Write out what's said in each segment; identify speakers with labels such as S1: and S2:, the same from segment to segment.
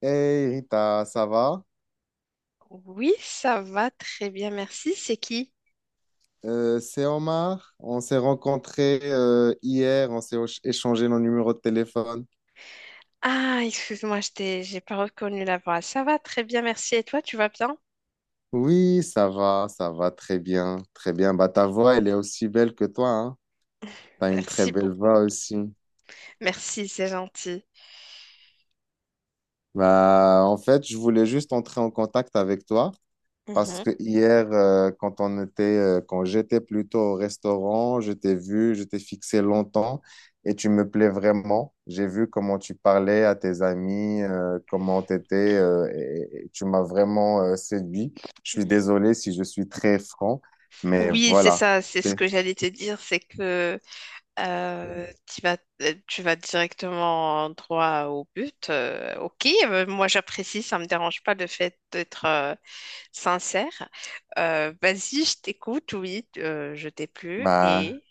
S1: Hey Rita, ça va?
S2: Oui, ça va très bien, merci. C'est qui?
S1: C'est Omar. On s'est rencontrés hier, on s'est échangé nos numéros de téléphone.
S2: Ah, excuse-moi, j'ai pas reconnu la voix. Ça va très bien, merci. Et toi, tu vas bien?
S1: Oui, ça va très bien, très bien. Bah, ta voix, elle est aussi belle que toi, hein. T'as une très
S2: Merci
S1: belle
S2: beaucoup.
S1: voix aussi.
S2: Merci, c'est gentil.
S1: Bah, en fait, je voulais juste entrer en contact avec toi. Parce
S2: Mhm.
S1: que hier, quand on était, quand j'étais plutôt au restaurant, je t'ai vu, je t'ai fixé longtemps et tu me plais vraiment. J'ai vu comment tu parlais à tes amis, comment t'étais, et tu m'as vraiment, séduit. Je suis désolé si je suis très franc, mais
S2: Oui, c'est
S1: voilà.
S2: ça, c'est ce
S1: C'est-
S2: que j'allais te dire, c'est que euh, tu vas, tu vas directement droit au but. Ok, moi j'apprécie, ça me dérange pas le fait d'être sincère. Vas-y, je t'écoute, oui, je t'ai plu
S1: Bah,
S2: et...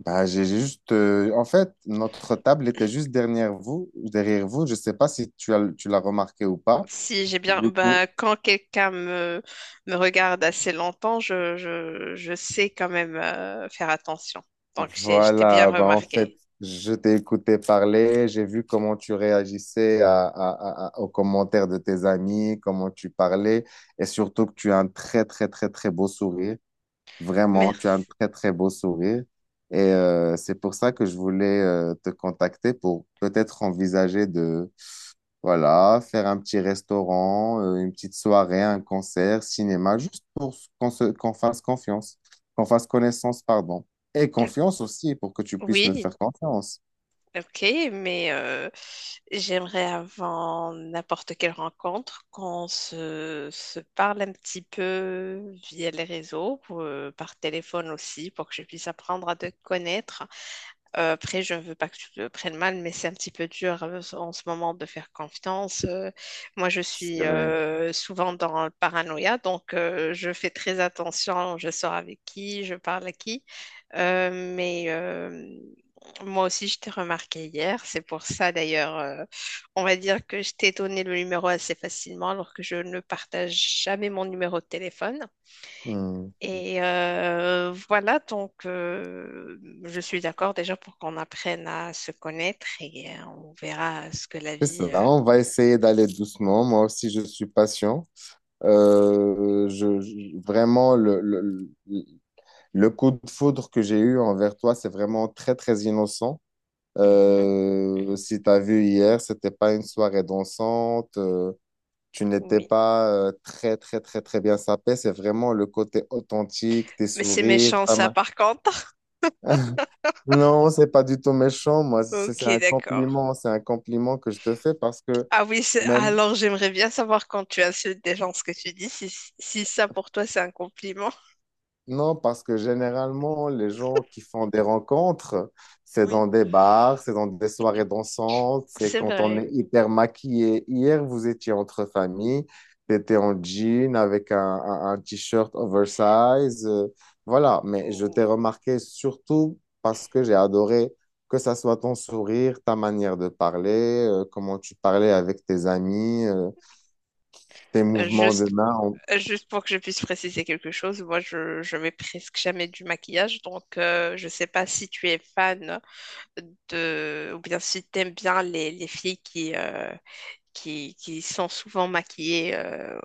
S1: bah, j'ai juste, en fait, notre table était juste derrière vous, derrière vous. Je sais pas si tu as, tu l'as remarqué ou pas.
S2: Si j'ai bien,
S1: Du
S2: bah,
S1: coup,
S2: quand quelqu'un me regarde assez longtemps, je sais quand même faire attention. Donc, je t'ai bien
S1: voilà, bah en fait,
S2: remarqué.
S1: je t'ai écouté parler, j'ai vu comment tu réagissais aux commentaires de tes amis, comment tu parlais, et surtout que tu as un très, très, très, très beau sourire. Vraiment, tu as un
S2: Merci.
S1: très, très beau sourire. Et c'est pour ça que je voulais te contacter pour peut-être envisager voilà, faire un petit restaurant, une petite soirée, un concert, cinéma, juste pour qu'on se, qu'on fasse confiance, qu'on fasse connaissance, pardon. Et confiance aussi, pour que tu puisses me
S2: Oui,
S1: faire confiance.
S2: ok, mais j'aimerais avant n'importe quelle rencontre qu'on se parle un petit peu via les réseaux, par téléphone aussi, pour que je puisse apprendre à te connaître. Après, je ne veux pas que tu le prennes mal, mais c'est un petit peu dur en ce moment de faire confiance. Moi, je suis
S1: C'est vrai.
S2: souvent dans le paranoïa, donc je fais très attention. Je sors avec qui, je parle à qui. Mais moi aussi, je t'ai remarqué hier. C'est pour ça, d'ailleurs, on va dire que je t'ai donné le numéro assez facilement, alors que je ne partage jamais mon numéro de téléphone.
S1: Hmm.
S2: Et voilà, donc je suis d'accord déjà pour qu'on apprenne à se connaître et on verra ce que la
S1: C'est
S2: vie...
S1: ça, on va essayer d'aller doucement. Moi aussi, je suis patient. Vraiment, le le coup de foudre que j'ai eu envers toi, c'est vraiment très, très innocent.
S2: Mhm,
S1: Si tu as vu hier, c'était pas une soirée dansante. Tu n'étais
S2: oui.
S1: pas très, très, très, très bien sapé. C'est vraiment le côté authentique, tes
S2: Mais c'est
S1: sourires,
S2: méchant
S1: ta
S2: ça
S1: main.
S2: par contre.
S1: Non, c'est pas du tout méchant. Moi, c'est
S2: Ok,
S1: un
S2: d'accord.
S1: compliment. C'est un compliment que je te fais parce que
S2: Ah oui,
S1: même,
S2: alors j'aimerais bien savoir quand tu insultes des gens ce que tu dis, si ça pour toi c'est un compliment.
S1: non, parce que généralement, les gens qui font des rencontres, c'est
S2: Oui,
S1: dans des bars, c'est dans des soirées dansantes, c'est
S2: c'est
S1: quand on
S2: vrai.
S1: est hyper maquillé. Hier, vous étiez entre familles, t'étais en jean avec un t-shirt oversize. Voilà, mais je t'ai
S2: Ouh.
S1: remarqué surtout parce que j'ai adoré que ça soit ton sourire, ta manière de parler, comment tu parlais avec tes amis, tes
S2: Euh,
S1: mouvements de
S2: Juste,
S1: main.
S2: euh, juste pour que je puisse préciser quelque chose, moi je mets presque jamais du maquillage, donc je sais pas si tu es fan de, ou bien si t'aimes bien les filles qui sont souvent maquillées.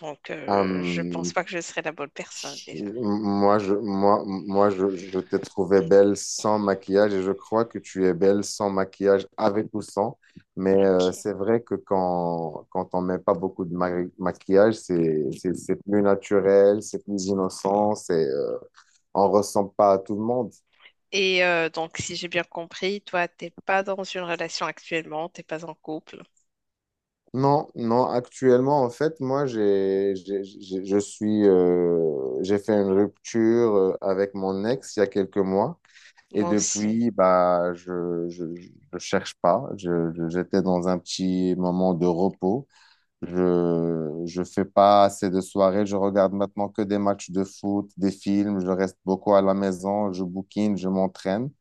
S2: Donc, je pense
S1: Hum,
S2: pas que je serais la bonne personne déjà.
S1: Moi, je t'ai trouvé belle sans maquillage et je crois que tu es belle sans maquillage, avec ou sans. Mais
S2: Ok.
S1: c'est vrai que quand on met pas beaucoup de maquillage, c'est plus naturel, c'est plus innocent, c'est, on ressemble pas à tout le monde.
S2: Et donc, si j'ai bien compris, toi, t'es pas dans une relation actuellement, t'es pas en couple.
S1: Non, non, actuellement, en fait, moi, je suis, j'ai fait une rupture avec mon ex il y a quelques mois. Et
S2: Moi aussi.
S1: depuis, bah, je cherche pas. J'étais dans un petit moment de repos. Je fais pas assez de soirées. Je regarde maintenant que des matchs de foot, des films. Je reste beaucoup à la maison. Je bouquine, je m'entraîne.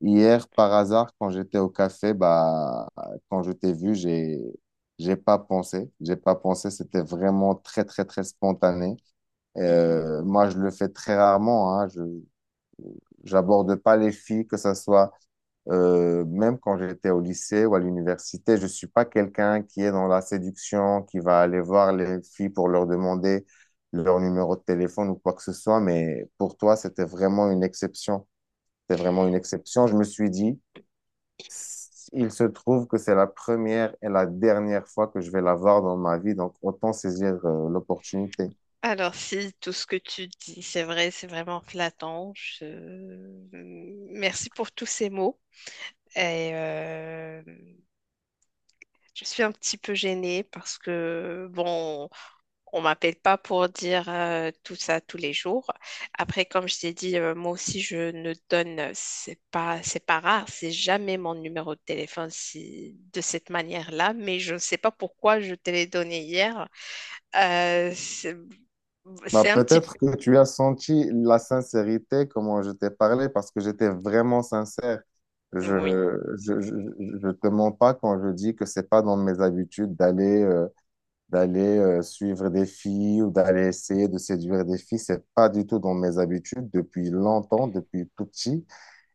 S1: Hier, par hasard, quand j'étais au café, bah, quand je t'ai vu, j'ai pas pensé. J'ai pas pensé. C'était vraiment très, très, très spontané.
S2: Mhm.
S1: Moi, je le fais très rarement, hein. J'aborde pas les filles, que ça soit même quand j'étais au lycée ou à l'université, je ne suis pas quelqu'un qui est dans la séduction, qui va aller voir les filles pour leur demander leur numéro de téléphone ou quoi que ce soit. Mais pour toi, c'était vraiment une exception. C'était vraiment une exception. Je me suis dit, il se trouve que c'est la première et la dernière fois que je vais la voir dans ma vie, donc autant saisir l'opportunité.
S2: Alors, si tout ce que tu dis, c'est vrai, c'est vraiment flattant. Je... Merci pour tous ces mots. Et je suis un petit peu gênée parce que, bon, on m'appelle pas pour dire tout ça tous les jours. Après, comme je t'ai dit, moi aussi, je ne donne, c'est pas rare, c'est jamais mon numéro de téléphone si, de cette manière-là, mais je ne sais pas pourquoi je te l'ai donné hier. Euh, c'est
S1: Bah,
S2: c'est un petit...
S1: peut-être que tu as senti la sincérité, comment je t'ai parlé, parce que j'étais vraiment sincère.
S2: Oui.
S1: Je je, je, je te mens pas quand je dis que c'est pas dans mes habitudes d'aller d'aller suivre des filles ou d'aller essayer de séduire des filles. C'est pas du tout dans mes habitudes depuis longtemps, depuis tout petit.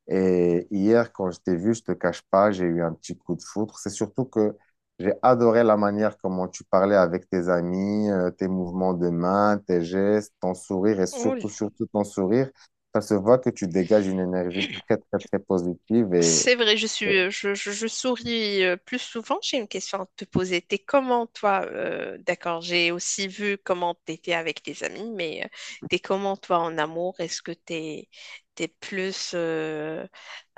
S1: Et hier, quand je t'ai vu, je te cache pas, j'ai eu un petit coup de foudre. C'est surtout que j'ai adoré la manière comment tu parlais avec tes amis, tes mouvements de main, tes gestes, ton sourire et
S2: Oula.
S1: surtout, surtout ton sourire. Ça se voit que tu dégages une énergie très, très, très positive et
S2: C'est vrai, je suis, je souris plus souvent. J'ai une question à te poser. T'es comment, toi? D'accord, j'ai aussi vu comment t'étais avec tes amis, mais t'es comment, toi, en amour? Est-ce que t'es plus, euh,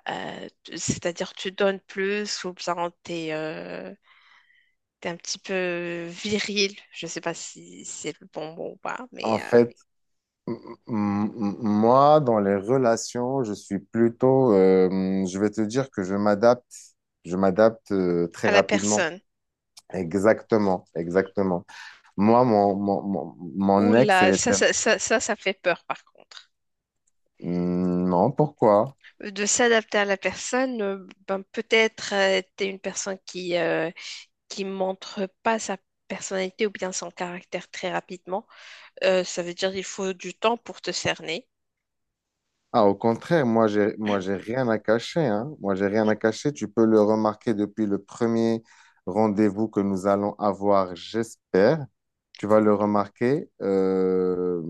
S2: euh, t- c'est-à-dire tu donnes plus ou bien t'es un petit peu viril? Je sais pas si c'est le bon mot ou pas,
S1: en
S2: mais
S1: fait, m- moi, dans les relations, je suis plutôt, je vais te dire que je m'adapte
S2: à
S1: très
S2: la
S1: rapidement.
S2: personne.
S1: Exactement, exactement. Moi,
S2: Ouh
S1: mon ex,
S2: là,
S1: elle était...
S2: ça fait peur, par contre.
S1: Hmm, non, pourquoi?
S2: De s'adapter à la personne. Ben, peut-être t'es une personne qui montre pas sa personnalité ou bien son caractère très rapidement. Ça veut dire qu'il faut du temps pour te cerner.
S1: Ah, au contraire, moi, j'ai rien à cacher, hein. Moi, j'ai rien à cacher. Tu peux le remarquer depuis le premier rendez-vous que nous allons avoir, j'espère. Tu vas le remarquer.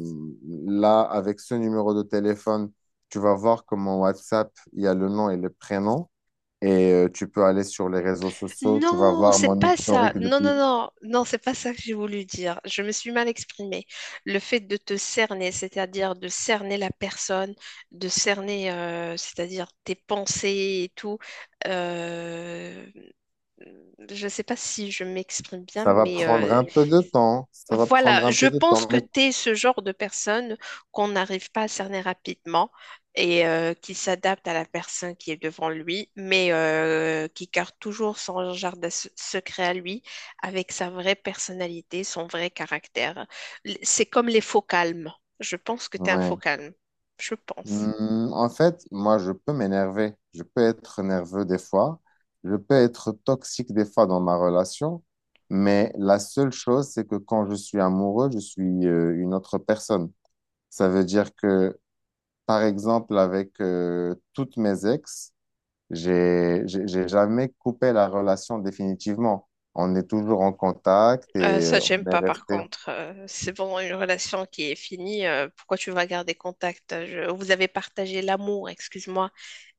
S1: Là, avec ce numéro de téléphone, tu vas voir que mon WhatsApp, il y a le nom et le prénom. Et tu peux aller sur les réseaux sociaux. Tu vas
S2: Non,
S1: voir
S2: c'est
S1: mon
S2: pas ça.
S1: historique
S2: Non,
S1: depuis.
S2: non, non, non, c'est pas ça que j'ai voulu dire. Je me suis mal exprimée. Le fait de te cerner, c'est-à-dire de cerner la personne, de cerner, c'est-à-dire tes pensées et tout. euh, je ne sais pas si je m'exprime bien,
S1: Ça va
S2: mais
S1: prendre un peu de temps. Ça va
S2: voilà,
S1: prendre un
S2: je
S1: peu de
S2: pense
S1: temps,
S2: que
S1: mais...
S2: tu es ce genre de personne qu'on n'arrive pas à cerner rapidement et qui s'adapte à la personne qui est devant lui, mais qui garde toujours son jardin secret à lui avec sa vraie personnalité, son vrai caractère. C'est comme les faux calmes. Je pense que tu es un faux
S1: Ouais.
S2: calme. Je pense.
S1: Hmm, en fait, moi, je peux m'énerver. Je peux être nerveux des fois. Je peux être toxique des fois dans ma relation. Mais la seule chose, c'est que quand je suis amoureux, je suis une autre personne. Ça veut dire que, par exemple, avec toutes mes ex, j'ai jamais coupé la relation définitivement. On est toujours en contact et
S2: Ça, j'aime
S1: on est
S2: pas par
S1: resté.
S2: contre. C'est vraiment une relation qui est finie. Pourquoi tu vas garder contact? Vous avez partagé l'amour, excuse-moi,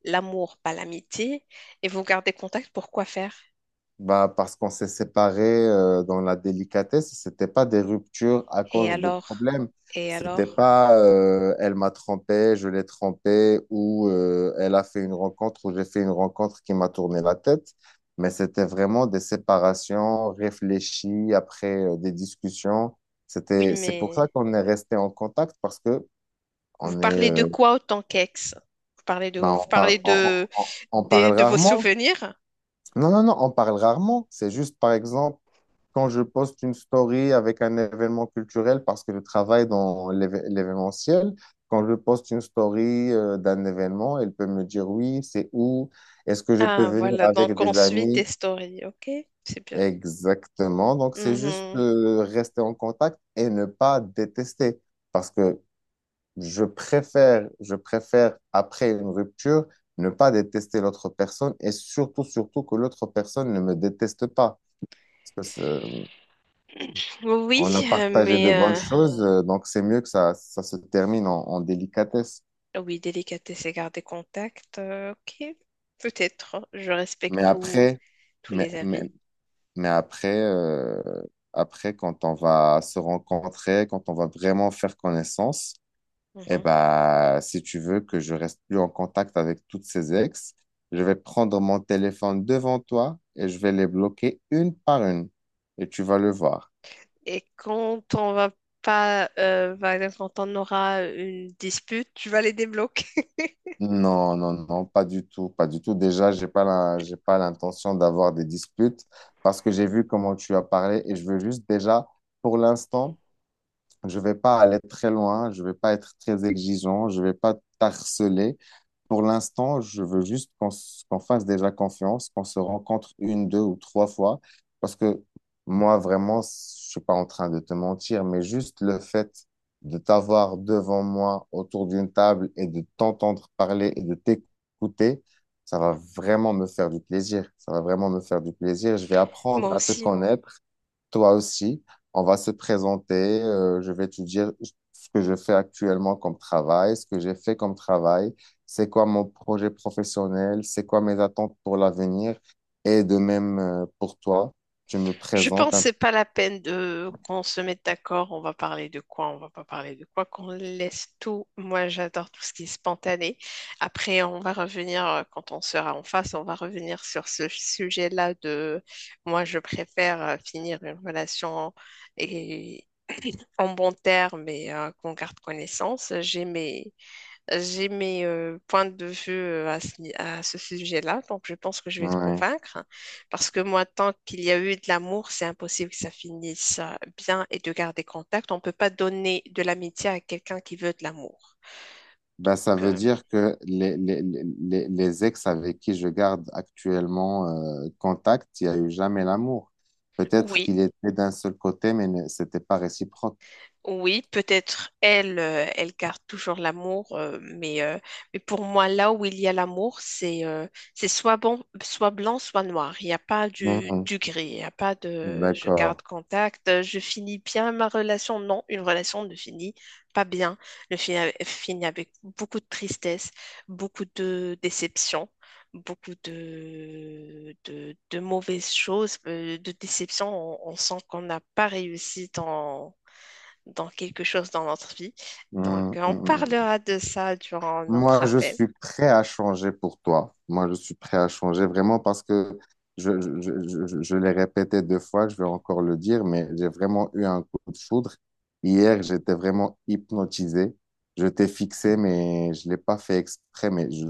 S2: l'amour, pas l'amitié, et vous gardez contact, pourquoi faire?
S1: Bah, parce qu'on s'est séparés dans la délicatesse, c'était pas des ruptures à
S2: Et
S1: cause de
S2: alors?
S1: problèmes.
S2: Et
S1: C'était
S2: alors?
S1: pas elle m'a trompé, je l'ai trompé, ou elle a fait une rencontre, ou j'ai fait une rencontre qui m'a tourné la tête. Mais c'était vraiment des séparations réfléchies après des discussions.
S2: Oui,
S1: C'est pour ça
S2: mais
S1: qu'on est resté en contact parce que
S2: vous
S1: on est,
S2: parlez de
S1: euh,
S2: quoi autant qu'ex? Vous parlez de,
S1: bah,
S2: vous parlez de,
S1: on parle
S2: de, vos
S1: rarement.
S2: souvenirs?
S1: Non, non, non, on parle rarement. C'est juste, par exemple, quand je poste une story avec un événement culturel, parce que je travaille dans l'événementiel, quand je poste une story d'un événement, elle peut me dire oui, c'est où, est-ce que je peux
S2: Ah,
S1: venir
S2: voilà,
S1: avec
S2: donc on
S1: des
S2: suit tes
S1: amis?
S2: stories, ok? C'est bien.
S1: Exactement. Donc, c'est juste
S2: Mhm.
S1: rester en contact et ne pas détester. Parce que je préfère, après une rupture, ne pas détester l'autre personne et surtout, surtout que l'autre personne ne me déteste pas. Parce que,
S2: Oui,
S1: on a partagé
S2: mais
S1: de bonnes choses, donc c'est mieux que ça se termine en, en délicatesse.
S2: oui, délicatesse et garder contact. Ok, peut-être. Hein, je respecte
S1: Mais après,
S2: tous
S1: mais,
S2: les avis.
S1: mais, mais après, après, quand on va se rencontrer, quand on va vraiment faire connaissance, eh
S2: Mhm.
S1: ben, si tu veux que je reste plus en contact avec toutes ces ex, je vais prendre mon téléphone devant toi et je vais les bloquer une par une. Et tu vas le voir.
S2: Et quand on va pas, par exemple, quand on aura une dispute, tu vas les débloquer.
S1: Non, non, non, pas du tout, pas du tout. Déjà, j'ai pas l'intention d'avoir des disputes parce que j'ai vu comment tu as parlé et je veux juste déjà, pour l'instant, je vais pas aller très loin, je vais pas être très exigeant, je vais pas t'harceler. Pour l'instant, je veux juste qu'on fasse déjà confiance, qu'on se rencontre une, deux ou trois fois, parce que moi, vraiment, je suis pas en train de te mentir, mais juste le fait de t'avoir devant moi autour d'une table et de t'entendre parler et de t'écouter, ça va vraiment me faire du plaisir. Ça va vraiment me faire du plaisir. Je vais
S2: Moi
S1: apprendre à te
S2: aussi.
S1: connaître toi aussi, on va se présenter. Je vais te dire ce que je fais actuellement comme travail, ce que j'ai fait comme travail, c'est quoi mon projet professionnel, c'est quoi mes attentes pour l'avenir. Et de même, pour toi, tu me
S2: Je pense
S1: présentes
S2: que
S1: un
S2: c'est pas la peine de qu'on se mette d'accord, on va parler de quoi, on va pas parler de quoi, qu'on laisse tout. Moi, j'adore tout ce qui est spontané. Après, on va revenir, quand on sera en face, on va revenir sur ce sujet-là de moi, je préfère finir une relation et en bon terme et qu'on garde connaissance. J'ai mes points de vue à ce, ni- à ce sujet-là, donc je pense que je vais te
S1: ouais.
S2: convaincre. Parce que moi, tant qu'il y a eu de l'amour, c'est impossible que ça finisse bien et de garder contact. On ne peut pas donner de l'amitié à quelqu'un qui veut de l'amour.
S1: Ben,
S2: Donc,
S1: ça veut dire que les ex avec qui je garde actuellement contact, il n'y a eu jamais l'amour. Peut-être
S2: oui,
S1: qu'il était d'un seul côté, mais c'était pas réciproque.
S2: oui, peut-être elle garde toujours l'amour, mais pour moi, là où il y a l'amour, c'est soit bon, soit blanc, soit noir. Il n'y a pas
S1: Mhm.
S2: du gris, il n'y a pas de je
S1: D'accord.
S2: garde contact, je finis bien ma relation. Non, une relation ne finit pas bien, ne finit, avec finit avec beaucoup de tristesse, beaucoup de déception, beaucoup de mauvaises choses, de déception. On sent qu'on n'a pas réussi dans quelque chose dans notre vie. Donc,
S1: Mhm.
S2: on
S1: Mhm.
S2: parlera de ça durant notre
S1: Moi, je
S2: appel.
S1: suis prêt à changer pour toi. Moi, je suis prêt à changer vraiment parce que je, je, je l'ai répété 2 fois, je vais encore le dire, mais j'ai vraiment eu un coup de foudre. Hier, j'étais vraiment hypnotisé. Je t'ai fixé, mais je ne l'ai pas fait exprès, mais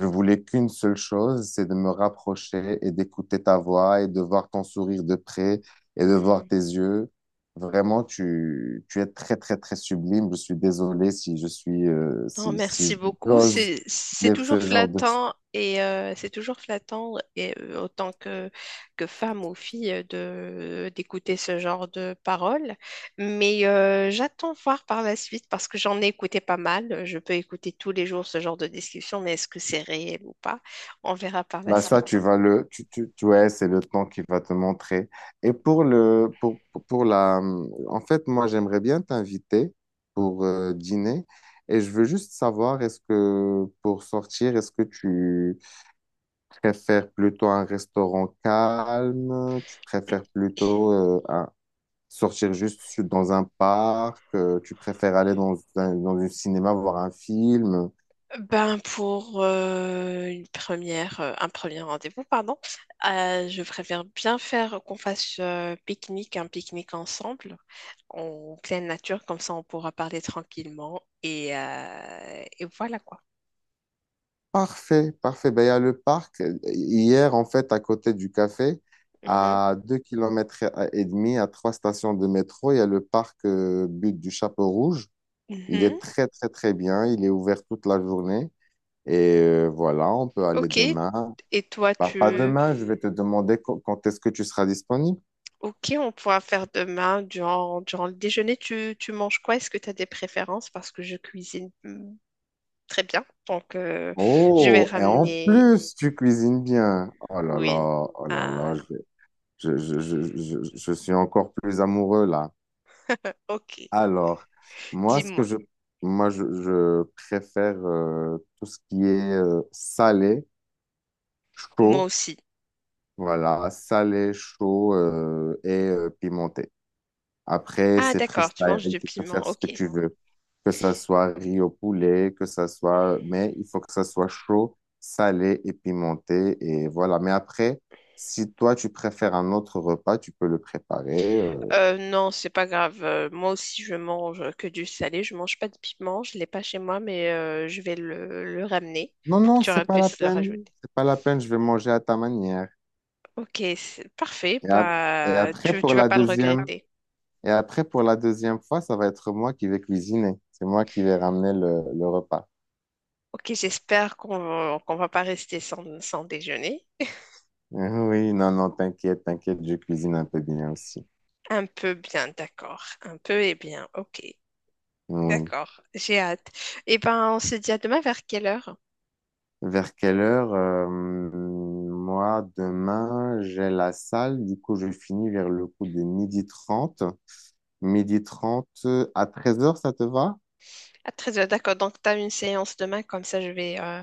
S1: je voulais qu'une seule chose, c'est de me rapprocher et d'écouter ta voix et de voir ton sourire de près et de voir
S2: Mhm.
S1: tes yeux. Vraiment, tu es très, très, très sublime. Je suis désolé si je suis,
S2: Non,
S1: si,
S2: merci
S1: si
S2: beaucoup.
S1: j'ose dire ce genre de...
S2: C'est toujours flattant et autant que femme ou fille de d'écouter ce genre de paroles. Mais j'attends voir par la suite parce que j'en ai écouté pas mal. Je peux écouter tous les jours ce genre de discussion, mais est-ce que c'est réel ou pas? On verra par la
S1: Bah ça,
S2: suite.
S1: tu vas le, tu- ouais, c'est le temps qui va te montrer. Et pour le, pour la, en fait, moi, j'aimerais bien t'inviter pour dîner, et je veux juste savoir, est-ce que pour sortir, est-ce que tu préfères plutôt un restaurant calme? Tu préfères plutôt sortir juste dans un parc? Tu préfères aller dans un cinéma voir un film?
S2: Ben pour un premier rendez-vous, pardon, je préfère bien faire qu'on fasse un pique-nique ensemble, en pleine nature, comme ça on pourra parler tranquillement et voilà quoi.
S1: Parfait, parfait. Ben, il y a le parc. Hier, en fait, à côté du café,
S2: Mhm.
S1: à 2,5 kilomètres, à trois stations de métro, il y a le parc Butte du Chapeau Rouge. Il est
S2: Mhm.
S1: très, très, très bien. Il est ouvert toute la journée. Et voilà, on peut aller
S2: Ok.
S1: demain.
S2: Et toi,
S1: Bah, pas ouais.
S2: tu...
S1: Demain, je vais te demander quand est-ce que tu seras disponible.
S2: Ok, on pourra faire demain, durant le déjeuner, tu manges quoi? Est-ce que tu as des préférences? Parce que je cuisine très bien, donc je vais
S1: Oh, et en
S2: ramener...
S1: plus, tu cuisines bien. Oh là
S2: Oui.
S1: là, oh là là, je suis encore plus amoureux là.
S2: Ok,
S1: Alors, moi, ce que
S2: dis-moi.
S1: moi, je préfère tout ce qui est salé,
S2: Moi
S1: chaud,
S2: aussi.
S1: voilà, salé, chaud et pimenté. Après,
S2: Ah,
S1: c'est
S2: d'accord, tu manges
S1: freestyle,
S2: du
S1: tu peux faire
S2: piment,
S1: ce que
S2: ok.
S1: tu veux, que ça soit riz au poulet, que ça soit, mais il faut que ça soit chaud, salé et pimenté, et voilà. Mais après, si toi tu préfères un autre repas, tu peux le préparer.
S2: Non, c'est pas grave. Moi aussi, je mange que du salé. Je mange pas de piment. Je l'ai pas chez moi, mais je vais le ramener
S1: Non,
S2: pour que
S1: non,
S2: tu
S1: c'est pas la
S2: puisses le
S1: peine,
S2: rajouter.
S1: c'est pas la peine, je vais manger à ta manière.
S2: Ok, c'est parfait.
S1: Et, ap- et
S2: Bah,
S1: après
S2: tu
S1: pour
S2: vas
S1: la
S2: pas le
S1: deuxième,
S2: regretter.
S1: et après pour la deuxième fois, ça va être moi qui vais cuisiner, c'est moi qui vais ramener le repas.
S2: Ok, j'espère qu'on va pas rester sans déjeuner.
S1: Oui, non, non, t'inquiète, t'inquiète, je cuisine un peu bien aussi.
S2: Un peu bien, d'accord. Un peu et bien, ok.
S1: Oui.
S2: D'accord, j'ai hâte. Eh ben, on se dit à demain vers quelle heure?
S1: Vers quelle heure? Moi, demain, j'ai la salle. Du coup, je finis vers le coup de 12h30. 12h30 à 13h, ça te va?
S2: Ah, très bien, d'accord. Donc, tu as une séance demain, comme ça, je vais euh,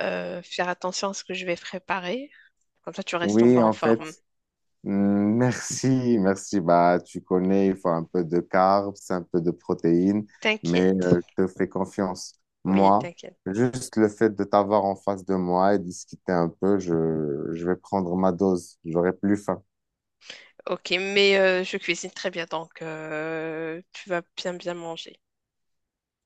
S2: euh, faire attention à ce que je vais préparer. Comme ça, tu restes en
S1: Oui,
S2: bonne
S1: en fait.
S2: forme.
S1: mm, Merci, merci. Bah, tu connais, il faut un peu de carbs, un peu de protéines, mais
S2: T'inquiète.
S1: je te fais confiance.
S2: Oui,
S1: Moi,
S2: t'inquiète.
S1: juste le fait de t'avoir en face de moi et discuter un peu, je vais prendre ma dose. J'aurai plus faim.
S2: Ok, mais je cuisine très bien, donc tu vas bien, bien manger.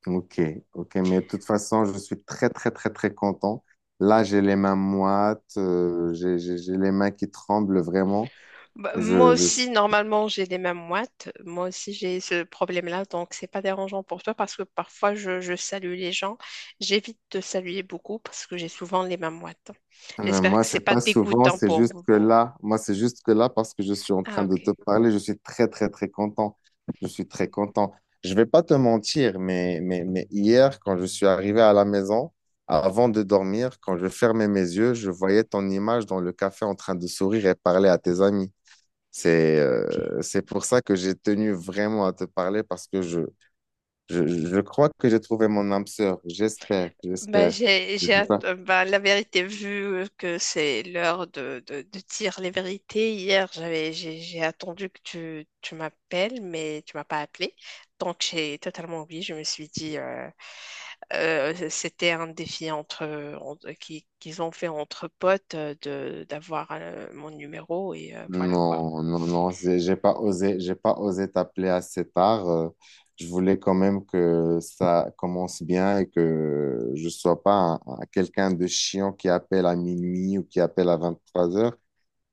S1: Ok, ok, mais de toute façon, je suis très, très, très, très content. Là, j'ai les mains moites, j'ai les mains qui tremblent vraiment.
S2: Bah, moi
S1: Je, je, je-
S2: aussi, normalement, j'ai les mêmes moites. Moi aussi, j'ai ce problème-là, donc c'est pas dérangeant pour toi parce que parfois, je salue les gens. J'évite de saluer beaucoup parce que j'ai souvent les mêmes moites. J'espère
S1: Moi,
S2: que c'est
S1: c'est
S2: pas
S1: pas souvent,
S2: dégoûtant
S1: c'est
S2: pour
S1: juste
S2: vous.
S1: que là, moi, c'est juste que là, parce que je suis en
S2: Ah,
S1: train de te
S2: ok.
S1: parler, je suis très, très, très content. Je suis très content. Je vais pas te mentir, mais, hier, quand je suis arrivé à la maison, avant de dormir, quand je fermais mes yeux, je voyais ton image dans le café en train de sourire et parler à tes amis.
S2: Ok.
S1: C'est pour ça que j'ai tenu vraiment à te parler parce que je, je crois que j'ai trouvé mon âme sœur. J'espère,
S2: Bah,
S1: j'espère. Je sais pas.
S2: bah, la vérité, vu que c'est l'heure de dire les vérités, hier, j'ai attendu que tu m'appelles, mais tu m'as pas appelé. Donc, j'ai totalement oublié. Je me suis dit, c'était un défi qu'ils ont fait entre potes d'avoir mon numéro et voilà quoi.
S1: Non, non, non, j'ai pas osé t'appeler assez tard. Je voulais quand même que ça commence bien et que je sois pas quelqu'un de chiant qui appelle à minuit ou qui appelle à 23h.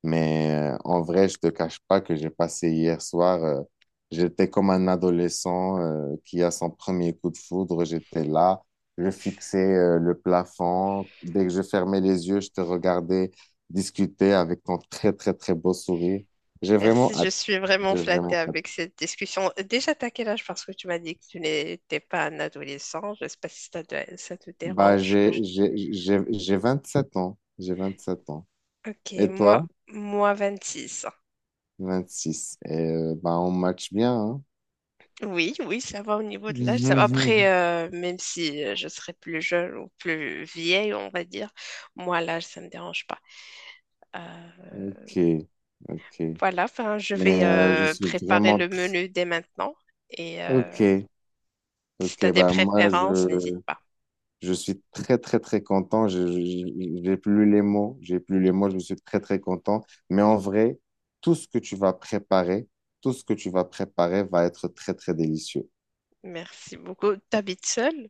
S1: Mais en vrai, je te cache pas que j'ai passé hier soir, j'étais comme un adolescent qui a son premier coup de foudre. J'étais là, je fixais le plafond. Dès que je fermais les yeux, je te regardais discuter avec ton très, très, très beau sourire. J'ai
S2: Merci,
S1: vraiment
S2: je
S1: hâte.
S2: suis vraiment
S1: J'ai
S2: flattée
S1: vraiment hâte.
S2: avec cette discussion. Déjà, t'as quel âge? Parce que tu m'as dit que tu n'étais pas un adolescent. Je sais pas si ça te
S1: Bah,
S2: dérange que je...
S1: j'ai 27 ans. J'ai 27 ans.
S2: Ok,
S1: Et toi?
S2: moi 26.
S1: 26. Et bah, on match bien, hein?
S2: Oui, oui, ça va au niveau de l'âge. Ça va. Après, même si je serais plus jeune ou plus vieille, on va dire, moi, l'âge, ça ne me dérange pas. Euh,
S1: Ok, ok.
S2: voilà, enfin, je
S1: Mais
S2: vais
S1: je suis
S2: préparer
S1: vraiment
S2: le
S1: très...
S2: menu dès maintenant. Et
S1: Ok,
S2: si tu as
S1: ok,
S2: des
S1: bah moi
S2: préférences, n'hésite pas.
S1: je suis très très très content. J'ai plus les mots, j'ai plus les mots, je suis très très content. Mais en vrai, tout ce que tu vas préparer, tout ce que tu vas préparer va être très très délicieux.
S2: Merci beaucoup. T'habites seule?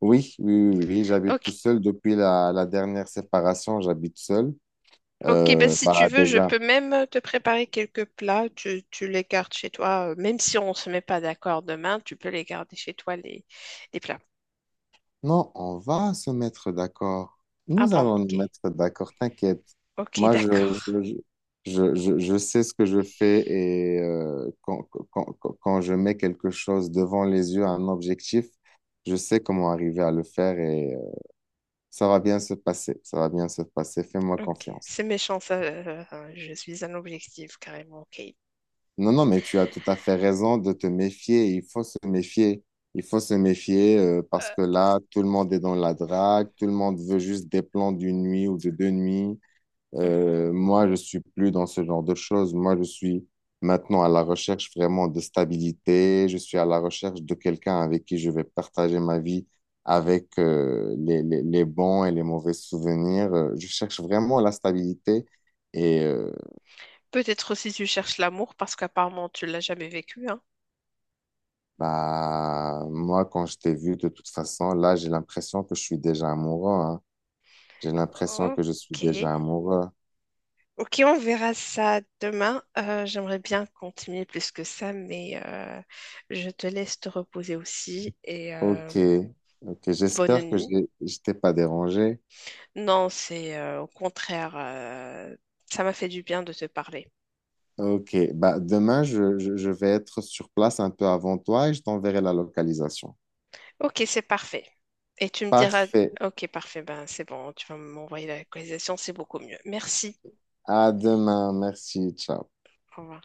S1: Oui, oui, oui, oui, j'habite tout
S2: Ok,
S1: seul depuis la dernière séparation, j'habite seul.
S2: ok, ben, si tu
S1: Bah
S2: veux, je
S1: déjà.
S2: peux même te préparer quelques plats. Tu les gardes chez toi. Même si on ne se met pas d'accord demain, tu peux les garder chez toi, les plats.
S1: Non, on va se mettre d'accord.
S2: Ah
S1: Nous
S2: bon,
S1: allons nous
S2: ok.
S1: mettre d'accord, t'inquiète.
S2: Ok,
S1: Moi,
S2: d'accord.
S1: je sais ce que je fais et quand je mets quelque chose devant les yeux, un objectif, je sais comment arriver à le faire et ça va bien se passer. Ça va bien se passer. Fais-moi
S2: Ok,
S1: confiance.
S2: c'est méchant ça. Je suis un objectif carrément. Ok.
S1: Non, non, mais tu as tout à fait raison de te méfier. Il faut se méfier. Il faut se méfier parce
S2: Euh,
S1: que là, tout le monde est dans la drague, tout le monde veut juste des plans d'une nuit ou de deux nuits.
S2: mhm.
S1: Moi, je suis plus dans ce genre de choses. Moi, je suis maintenant à la recherche vraiment de stabilité. Je suis à la recherche de quelqu'un avec qui je vais partager ma vie, avec les bons et les mauvais souvenirs. Je cherche vraiment la stabilité. Et
S2: Peut-être aussi tu cherches l'amour parce qu'apparemment tu l'as jamais vécu, hein.
S1: bah, moi, quand je t'ai vu, de toute façon, là, j'ai l'impression que je suis déjà amoureux, hein. J'ai l'impression que je suis
S2: Ok.
S1: déjà amoureux.
S2: Ok, on verra ça demain. J'aimerais bien continuer plus que ça, mais je te laisse te reposer aussi et
S1: Ok, ok.
S2: bonne
S1: J'espère que
S2: nuit.
S1: je t'ai pas dérangé.
S2: Non, c'est au contraire, ça m'a fait du bien de te parler.
S1: Ok, bah, demain, je vais être sur place un peu avant toi et je t'enverrai la localisation.
S2: Ok, c'est parfait. Et tu me diras,
S1: Parfait.
S2: ok, parfait, ben c'est bon, tu vas m'envoyer la localisation, c'est beaucoup mieux. Merci.
S1: À demain. Merci. Ciao.
S2: Au revoir.